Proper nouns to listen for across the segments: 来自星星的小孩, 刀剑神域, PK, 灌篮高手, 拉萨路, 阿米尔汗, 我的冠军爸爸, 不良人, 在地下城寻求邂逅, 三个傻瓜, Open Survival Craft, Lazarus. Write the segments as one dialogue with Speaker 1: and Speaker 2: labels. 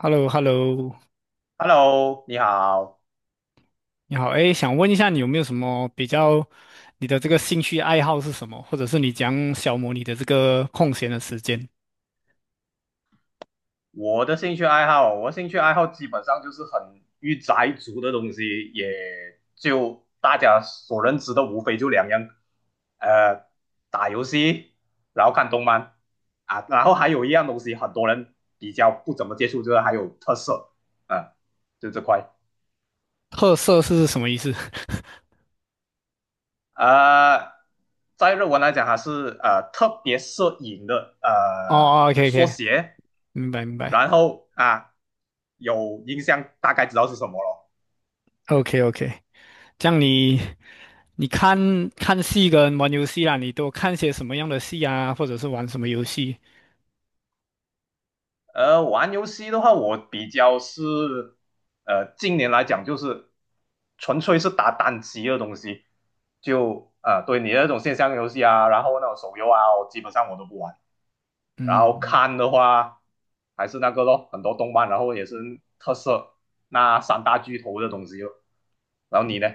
Speaker 1: h e l l o h e l l o
Speaker 2: Hello，你好。
Speaker 1: 你好，哎，想问一下你有没有什么比较，你的这个兴趣爱好是什么，或者是你讲小消磨你的这个空闲的时间？
Speaker 2: 我兴趣爱好基本上就是很御宅族的东西，也就大家所认知的无非就两样，呃，打游戏，然后看动漫啊，然后还有一样东西，很多人比较不怎么接触，就是还有特色，啊，就这块。
Speaker 1: 特色是什么意思？
Speaker 2: 呃，在日文来讲，还是特别摄影的
Speaker 1: 哦哦，OK
Speaker 2: 缩
Speaker 1: OK，
Speaker 2: 写，
Speaker 1: 明白明白
Speaker 2: 然后啊有印象，大概知道是什么了。
Speaker 1: ，OK OK，这样你你看看戏跟玩游戏啦，你都看些什么样的戏啊，或者是玩什么游戏？
Speaker 2: 玩游戏的话，我比较是近年来讲就是纯粹是打单机的东西，就对你那种线上游戏啊，然后那种手游啊，我基本上都不玩。然后
Speaker 1: 嗯
Speaker 2: 看的话还是那个咯，很多动漫，然后也是特色那三大巨头的东西咯。然后你呢？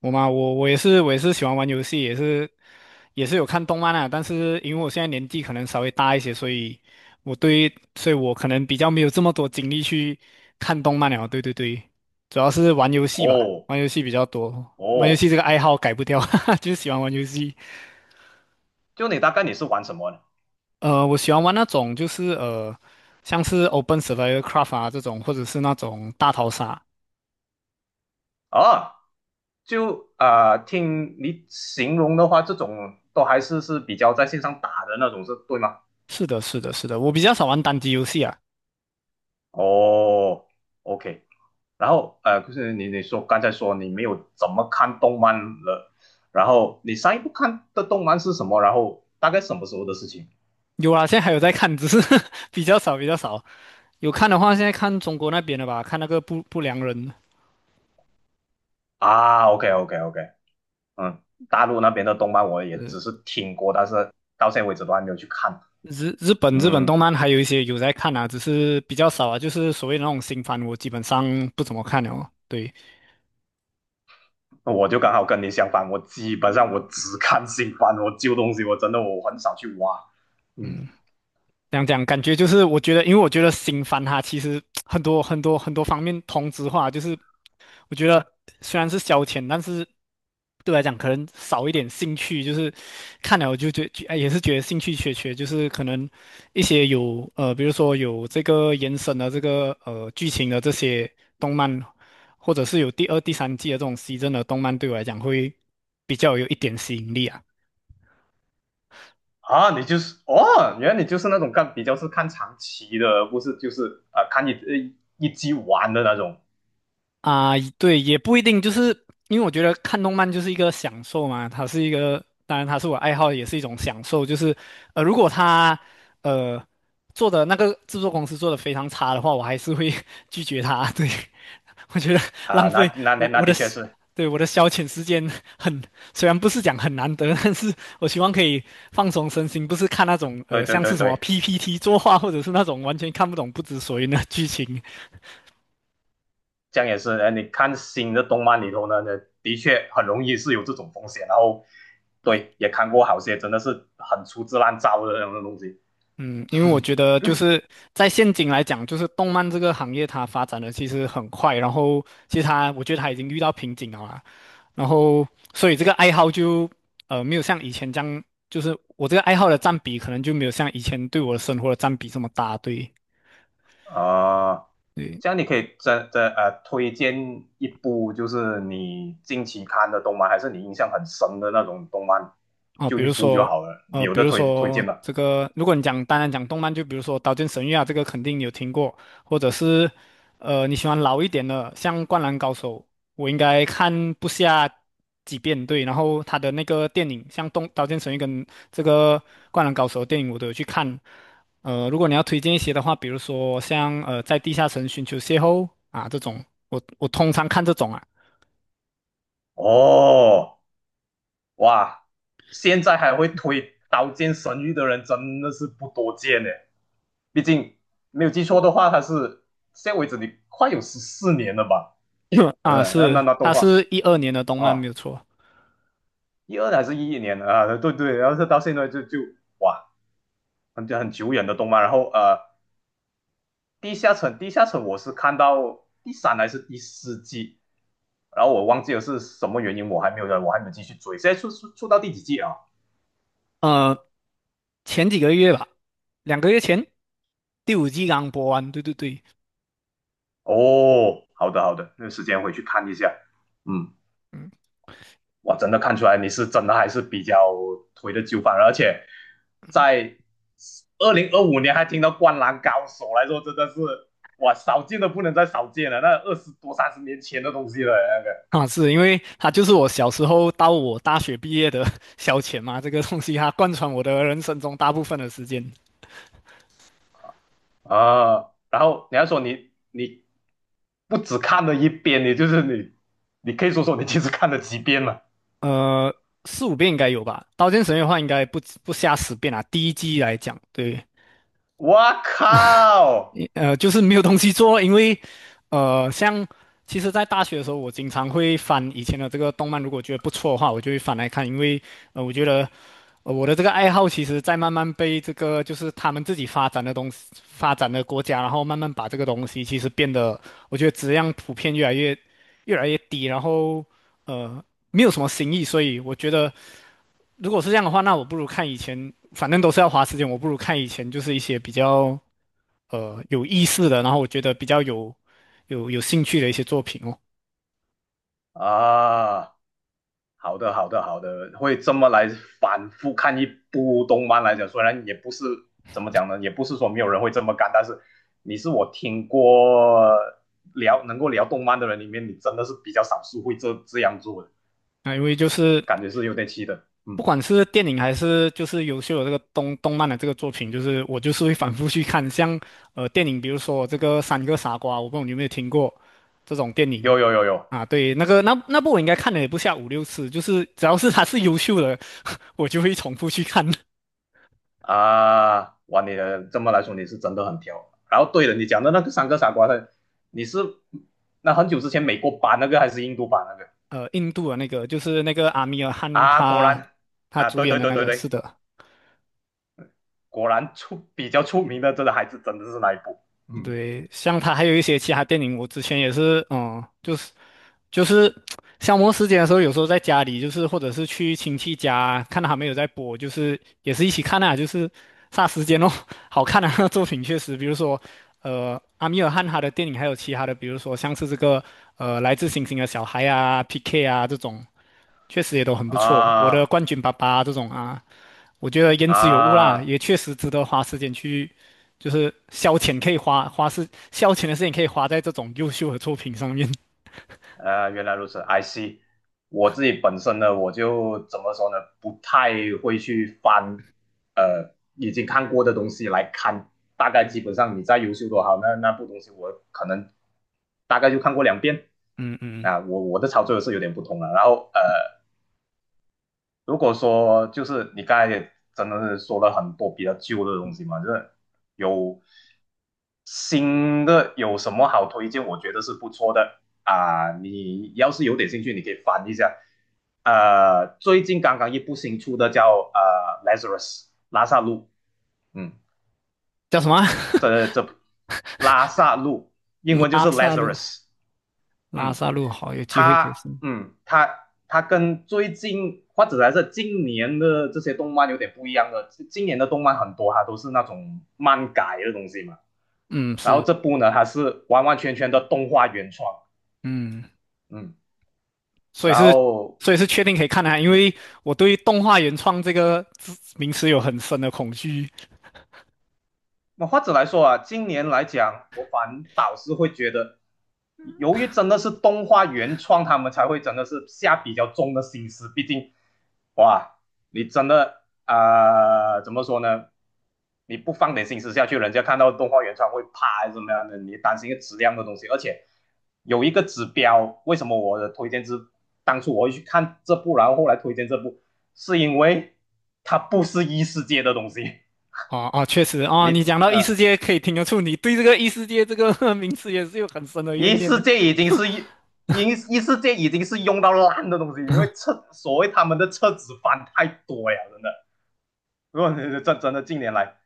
Speaker 1: 我嘛，我也是，我也是喜欢玩游戏，也是有看动漫啊。但是因为我现在年纪可能稍微大一些，所以所以我可能比较没有这么多精力去看动漫了。对对对，主要是玩游戏吧，
Speaker 2: 哦
Speaker 1: 玩游戏比较多。玩游
Speaker 2: 哦，
Speaker 1: 戏这个爱好改不掉，哈哈就是喜欢玩游戏。
Speaker 2: 你大概是玩什么呢？
Speaker 1: 我喜欢玩那种就是像是 Open Survival Craft 啊这种，或者是那种大逃杀。
Speaker 2: 啊，就听你形容的话，这种都还是是比较在线上打的那种，是对吗？
Speaker 1: 是的，是的，是的，我比较少玩单机游戏啊。
Speaker 2: 哦，OK。然后就是你刚才说你没有怎么看动漫了，然后你上一部看的动漫是什么？然后大概什么时候的事情？
Speaker 1: 有啊，现在还有在看，只是 比较少，比较少。有看的话，现在看中国那边的吧，看那个不良人。
Speaker 2: 啊，OK OK OK，嗯，大陆那边的动漫我也
Speaker 1: 呃，
Speaker 2: 只是听过，但是到现在为止都还没有去看。
Speaker 1: 日本
Speaker 2: 嗯，
Speaker 1: 动漫还有一些有在看啊，只是比较少啊，就是所谓的那种新番，我基本上不怎么看了哦。对，
Speaker 2: 我就刚好跟你相反，我基本上只看新番，我旧东西真的我很少去挖。嗯，
Speaker 1: 嗯。这样讲，感觉就是我觉得，因为我觉得新番它其实很多很多很多方面同质化，就是我觉得虽然是消遣，但是对我来讲可能少一点兴趣，就是看了我就哎也是觉得兴趣缺缺，就是可能一些有，比如说有这个延伸的这个剧情的这些动漫，或者是有第二、第三季的这种 SE 的动漫，对我来讲会比较有一点吸引力啊。
Speaker 2: 啊，你就是哦，原来你就是那种看比较是看长期的，而不是就是看一集完的那种
Speaker 1: 啊，对，也不一定，就是因为我觉得看动漫就是一个享受嘛，它是一个，当然它是我爱好，也是一种享受。就是如果它呃做的那个制作公司做的非常差的话，我还是会 拒绝它。对，我觉得
Speaker 2: 啊、
Speaker 1: 浪
Speaker 2: 那
Speaker 1: 费
Speaker 2: 那那
Speaker 1: 我
Speaker 2: 那
Speaker 1: 我的
Speaker 2: 的确
Speaker 1: 时
Speaker 2: 是，
Speaker 1: 对我的消遣时间很，虽然不是讲很难得，但是我希望可以放松身心，不是看那种
Speaker 2: 对对
Speaker 1: 像
Speaker 2: 对
Speaker 1: 是什么
Speaker 2: 对。
Speaker 1: PPT 作画，或者是那种完全看不懂不知所云的剧情。
Speaker 2: 这样也是，你看新的动漫里头呢，的确很容易是有这种风险。然后，对，也看过好些真的是很粗制滥造的那种东西。
Speaker 1: 嗯，因为我 觉得就是在现今来讲，就是动漫这个行业它发展的其实很快，然后其实它我觉得它已经遇到瓶颈了啦，然后所以这个爱好就没有像以前这样，就是我这个爱好的占比可能就没有像以前对我的生活的占比这么大，对。
Speaker 2: 啊，这样你可以真的推荐一部就是你近期看的动漫，还是你印象很深的那种动漫，
Speaker 1: 哦，
Speaker 2: 就
Speaker 1: 比
Speaker 2: 一
Speaker 1: 如
Speaker 2: 部就
Speaker 1: 说，
Speaker 2: 好了。你有的推推荐吗？
Speaker 1: 这个，如果你单单讲动漫，就比如说《刀剑神域》啊，这个肯定有听过，或者是，你喜欢老一点的，像《灌篮高手》，我应该看不下几遍，对。然后他的那个电影，像《刀剑神域》跟这个《灌篮高手》的电影，我都有去看。如果你要推荐一些的话，比如说像在地下城寻求邂逅啊这种，我通常看这种啊
Speaker 2: 哦，哇，现在还会推《刀剑神域》的人真的是不多见呢。毕竟没有记错的话，它是现在为止你快有14年了吧？
Speaker 1: 啊
Speaker 2: 嗯，那那
Speaker 1: 是，
Speaker 2: 那动
Speaker 1: 它
Speaker 2: 画
Speaker 1: 是2012年的动漫没
Speaker 2: 啊，
Speaker 1: 有错。
Speaker 2: 一二还是一一年啊？对对，然后是到现在就哇，很久远的动漫。然后地下城我是看到第三还是第四季，然后我忘记了是什么原因，我还没有继续追。现在出到第几季啊？
Speaker 1: 呃，前几个月吧，2个月前第五季刚播完。对对对，
Speaker 2: 哦，好的好的，那时间回去看一下。嗯，哇，真的看出来你是真的还是比较推的旧番，而且在2025年还听到《灌篮高手》来说，真的是哇，少见的不能再少见了，那20多30年前的东西了那个
Speaker 1: 啊，是因为它就是我小时候到我大学毕业的 消遣嘛，这个东西它贯穿我的人生中大部分的时间，
Speaker 2: 啊。然后你还说你不只看了一遍，你可以说说你其实看了几遍了。
Speaker 1: 呃，四五遍应该有吧，《刀剑神域》的话应该不下10遍啊。第一季来讲，对，
Speaker 2: 我靠
Speaker 1: 就是没有东西做，因为像其实，在大学的时候，我经常会翻以前的这个动漫，如果觉得不错的话，我就会翻来看，因为我觉得。我的这个爱好其实在慢慢被这个就是他们自己发展的东西、发展的国家，然后慢慢把这个东西其实变得，我觉得质量普遍越来越低，然后呃没有什么新意，所以我觉得如果是这样的话，那我不如看以前，反正都是要花时间，我不如看以前就是一些比较有意思的，然后我觉得比较有兴趣的一些作品哦。
Speaker 2: 啊！好的，好的，好的，会这么来反复看一部动漫来讲，虽然也不是怎么讲呢，也不是说没有人会这么干，但是你是我听过聊能够聊动漫的人里面，你真的是比较少数会这样做的，
Speaker 1: 啊，因为就是
Speaker 2: 感觉是有点气的。
Speaker 1: 不
Speaker 2: 嗯，
Speaker 1: 管是电影还是就是优秀的这个动漫的这个作品，就是我就是会反复去看。像电影，比如说这个《三个傻瓜》，我不知道你有没有听过这种电影
Speaker 2: 有有有有
Speaker 1: 啊？对，那个那部我应该看了也不下五六次，就是只要是它是优秀的，我就会重复去看。
Speaker 2: 啊，哇，你的这么来说你是真的很挑。然后对了，你讲的那个三个傻瓜的，你是那很久之前美国版那个还是印度版那个
Speaker 1: 印度的那个就是那个阿米尔汗
Speaker 2: 啊？果然
Speaker 1: 他
Speaker 2: 啊，
Speaker 1: 主
Speaker 2: 对
Speaker 1: 演
Speaker 2: 对
Speaker 1: 的
Speaker 2: 对
Speaker 1: 那
Speaker 2: 对
Speaker 1: 个，是
Speaker 2: 对。
Speaker 1: 的。
Speaker 2: 果然出比较出名的这个还是真的是那一部。嗯
Speaker 1: 对，像他还有一些其他电影，我之前也是，就是消磨时间的时候，有时候在家里，就是或者是去亲戚家，看到他们有在播，就是也是一起看啊，就是杀时间哦，好看啊，那作品确实，比如说阿米尔汗他的电影，还有其他的，比如说像是这个来自星星的小孩啊，PK 啊这种，确实也都很不错。我的
Speaker 2: 啊
Speaker 1: 冠军爸爸这种啊。我觉得言之有物啦，
Speaker 2: 啊，
Speaker 1: 也确实值得花时间去，就是消遣，可以花花是消遣的时间可以花在这种优秀的作品上面。
Speaker 2: 原来如此，I see。我自己本身呢，我就怎么说呢，不太会去翻已经看过的东西来看。大概基
Speaker 1: 嗯，
Speaker 2: 本上你再优秀多好，那那部东西我可能大概就看过两遍。
Speaker 1: 嗯嗯，
Speaker 2: 啊，我的操作是有点不同了。然后如果说就是你刚才也真的是说了很多比较旧的东西嘛，就是有新的有什么好推荐？我觉得是不错的啊。你要是有点兴趣，你可以翻一下。最近刚刚一部新出的叫《Lazarus》拉萨路，嗯，
Speaker 1: 叫什么啊
Speaker 2: 这拉萨路 英文就
Speaker 1: 拉
Speaker 2: 是
Speaker 1: 萨路，
Speaker 2: Lazarus，
Speaker 1: 拉
Speaker 2: 嗯。
Speaker 1: 萨路好，有机会可以
Speaker 2: 它，
Speaker 1: 试。
Speaker 2: 嗯，它跟最近或者还是今年的这些动漫有点不一样的，今年的动漫很多它都是那种漫改的东西嘛，
Speaker 1: 嗯，
Speaker 2: 然后
Speaker 1: 是，
Speaker 2: 这部呢它是完完全全的动画原创，
Speaker 1: 嗯，
Speaker 2: 嗯，
Speaker 1: 所
Speaker 2: 然
Speaker 1: 以是，
Speaker 2: 后
Speaker 1: 所以是确定可以看的啊，因
Speaker 2: 嗯。
Speaker 1: 为我对动画原创这个字名词有很深的恐惧。
Speaker 2: 那或者来说啊，今年来讲，我反倒是会觉得，由于真的是动画原创，他们才会真的是下比较重的心思。毕竟，哇，你真的怎么说呢？你不放点心思下去，人家看到动画原创会怕还是怎么样的？你担心一个质量的东西，而且有一个指标，为什么我的推荐是当初我会去看这部，然后后来推荐这部，是因为它不是异世界的东西，
Speaker 1: 啊啊，确实啊，
Speaker 2: 你
Speaker 1: 你讲到异世
Speaker 2: 呃。
Speaker 1: 界，可以听得出你对这个异世界这个 名词也是有很深的怨
Speaker 2: 一
Speaker 1: 念
Speaker 2: 世
Speaker 1: 的。
Speaker 2: 界已经是一一一世界已经是用到烂的东西，因为厕所谓他们的厕纸翻太多呀，真的。如果真的近年来，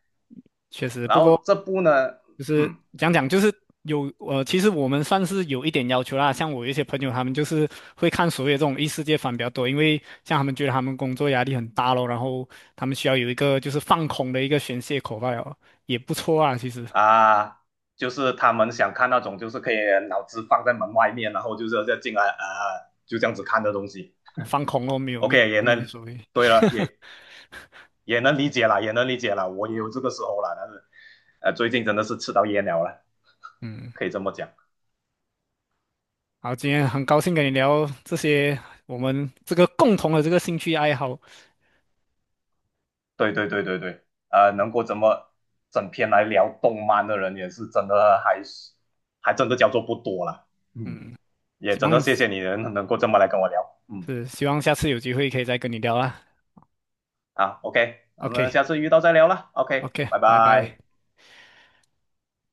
Speaker 1: 确实，
Speaker 2: 然
Speaker 1: 不
Speaker 2: 后
Speaker 1: 过
Speaker 2: 这部呢，
Speaker 1: 就是
Speaker 2: 嗯
Speaker 1: 讲讲，就是有其实我们算是有一点要求啦。像我有一些朋友，他们就是会看所谓的这种异世界番比较多，因为像他们觉得他们工作压力很大咯，然后他们需要有一个就是放空的一个宣泄口吧，了，也不错啊。其实
Speaker 2: 啊，就是他们想看那种就是可以脑子放在门外面，然后就是再进来，就这样子看的东西。
Speaker 1: 放空咯，没有没有
Speaker 2: OK，也
Speaker 1: 没有
Speaker 2: 能，
Speaker 1: 所谓。
Speaker 2: 对了，也能理解了，也能理解了，我也有这个时候了，但是最近真的是吃到噎了，
Speaker 1: 嗯，
Speaker 2: 可以这么讲。
Speaker 1: 好，今天很高兴跟你聊这些我们这个共同的这个兴趣爱好。
Speaker 2: 对对对对对，能够这么整篇来聊动漫的人，也是真的还真的叫做不多了。嗯，
Speaker 1: 嗯，
Speaker 2: 也
Speaker 1: 希
Speaker 2: 真的
Speaker 1: 望
Speaker 2: 谢谢你能够这么来跟我聊。嗯，
Speaker 1: 是希望下次有机会可以再跟你聊啦。
Speaker 2: 好，OK，我
Speaker 1: OK
Speaker 2: 们下次遇到再聊了。OK，
Speaker 1: OK，
Speaker 2: 拜
Speaker 1: 拜拜。
Speaker 2: 拜。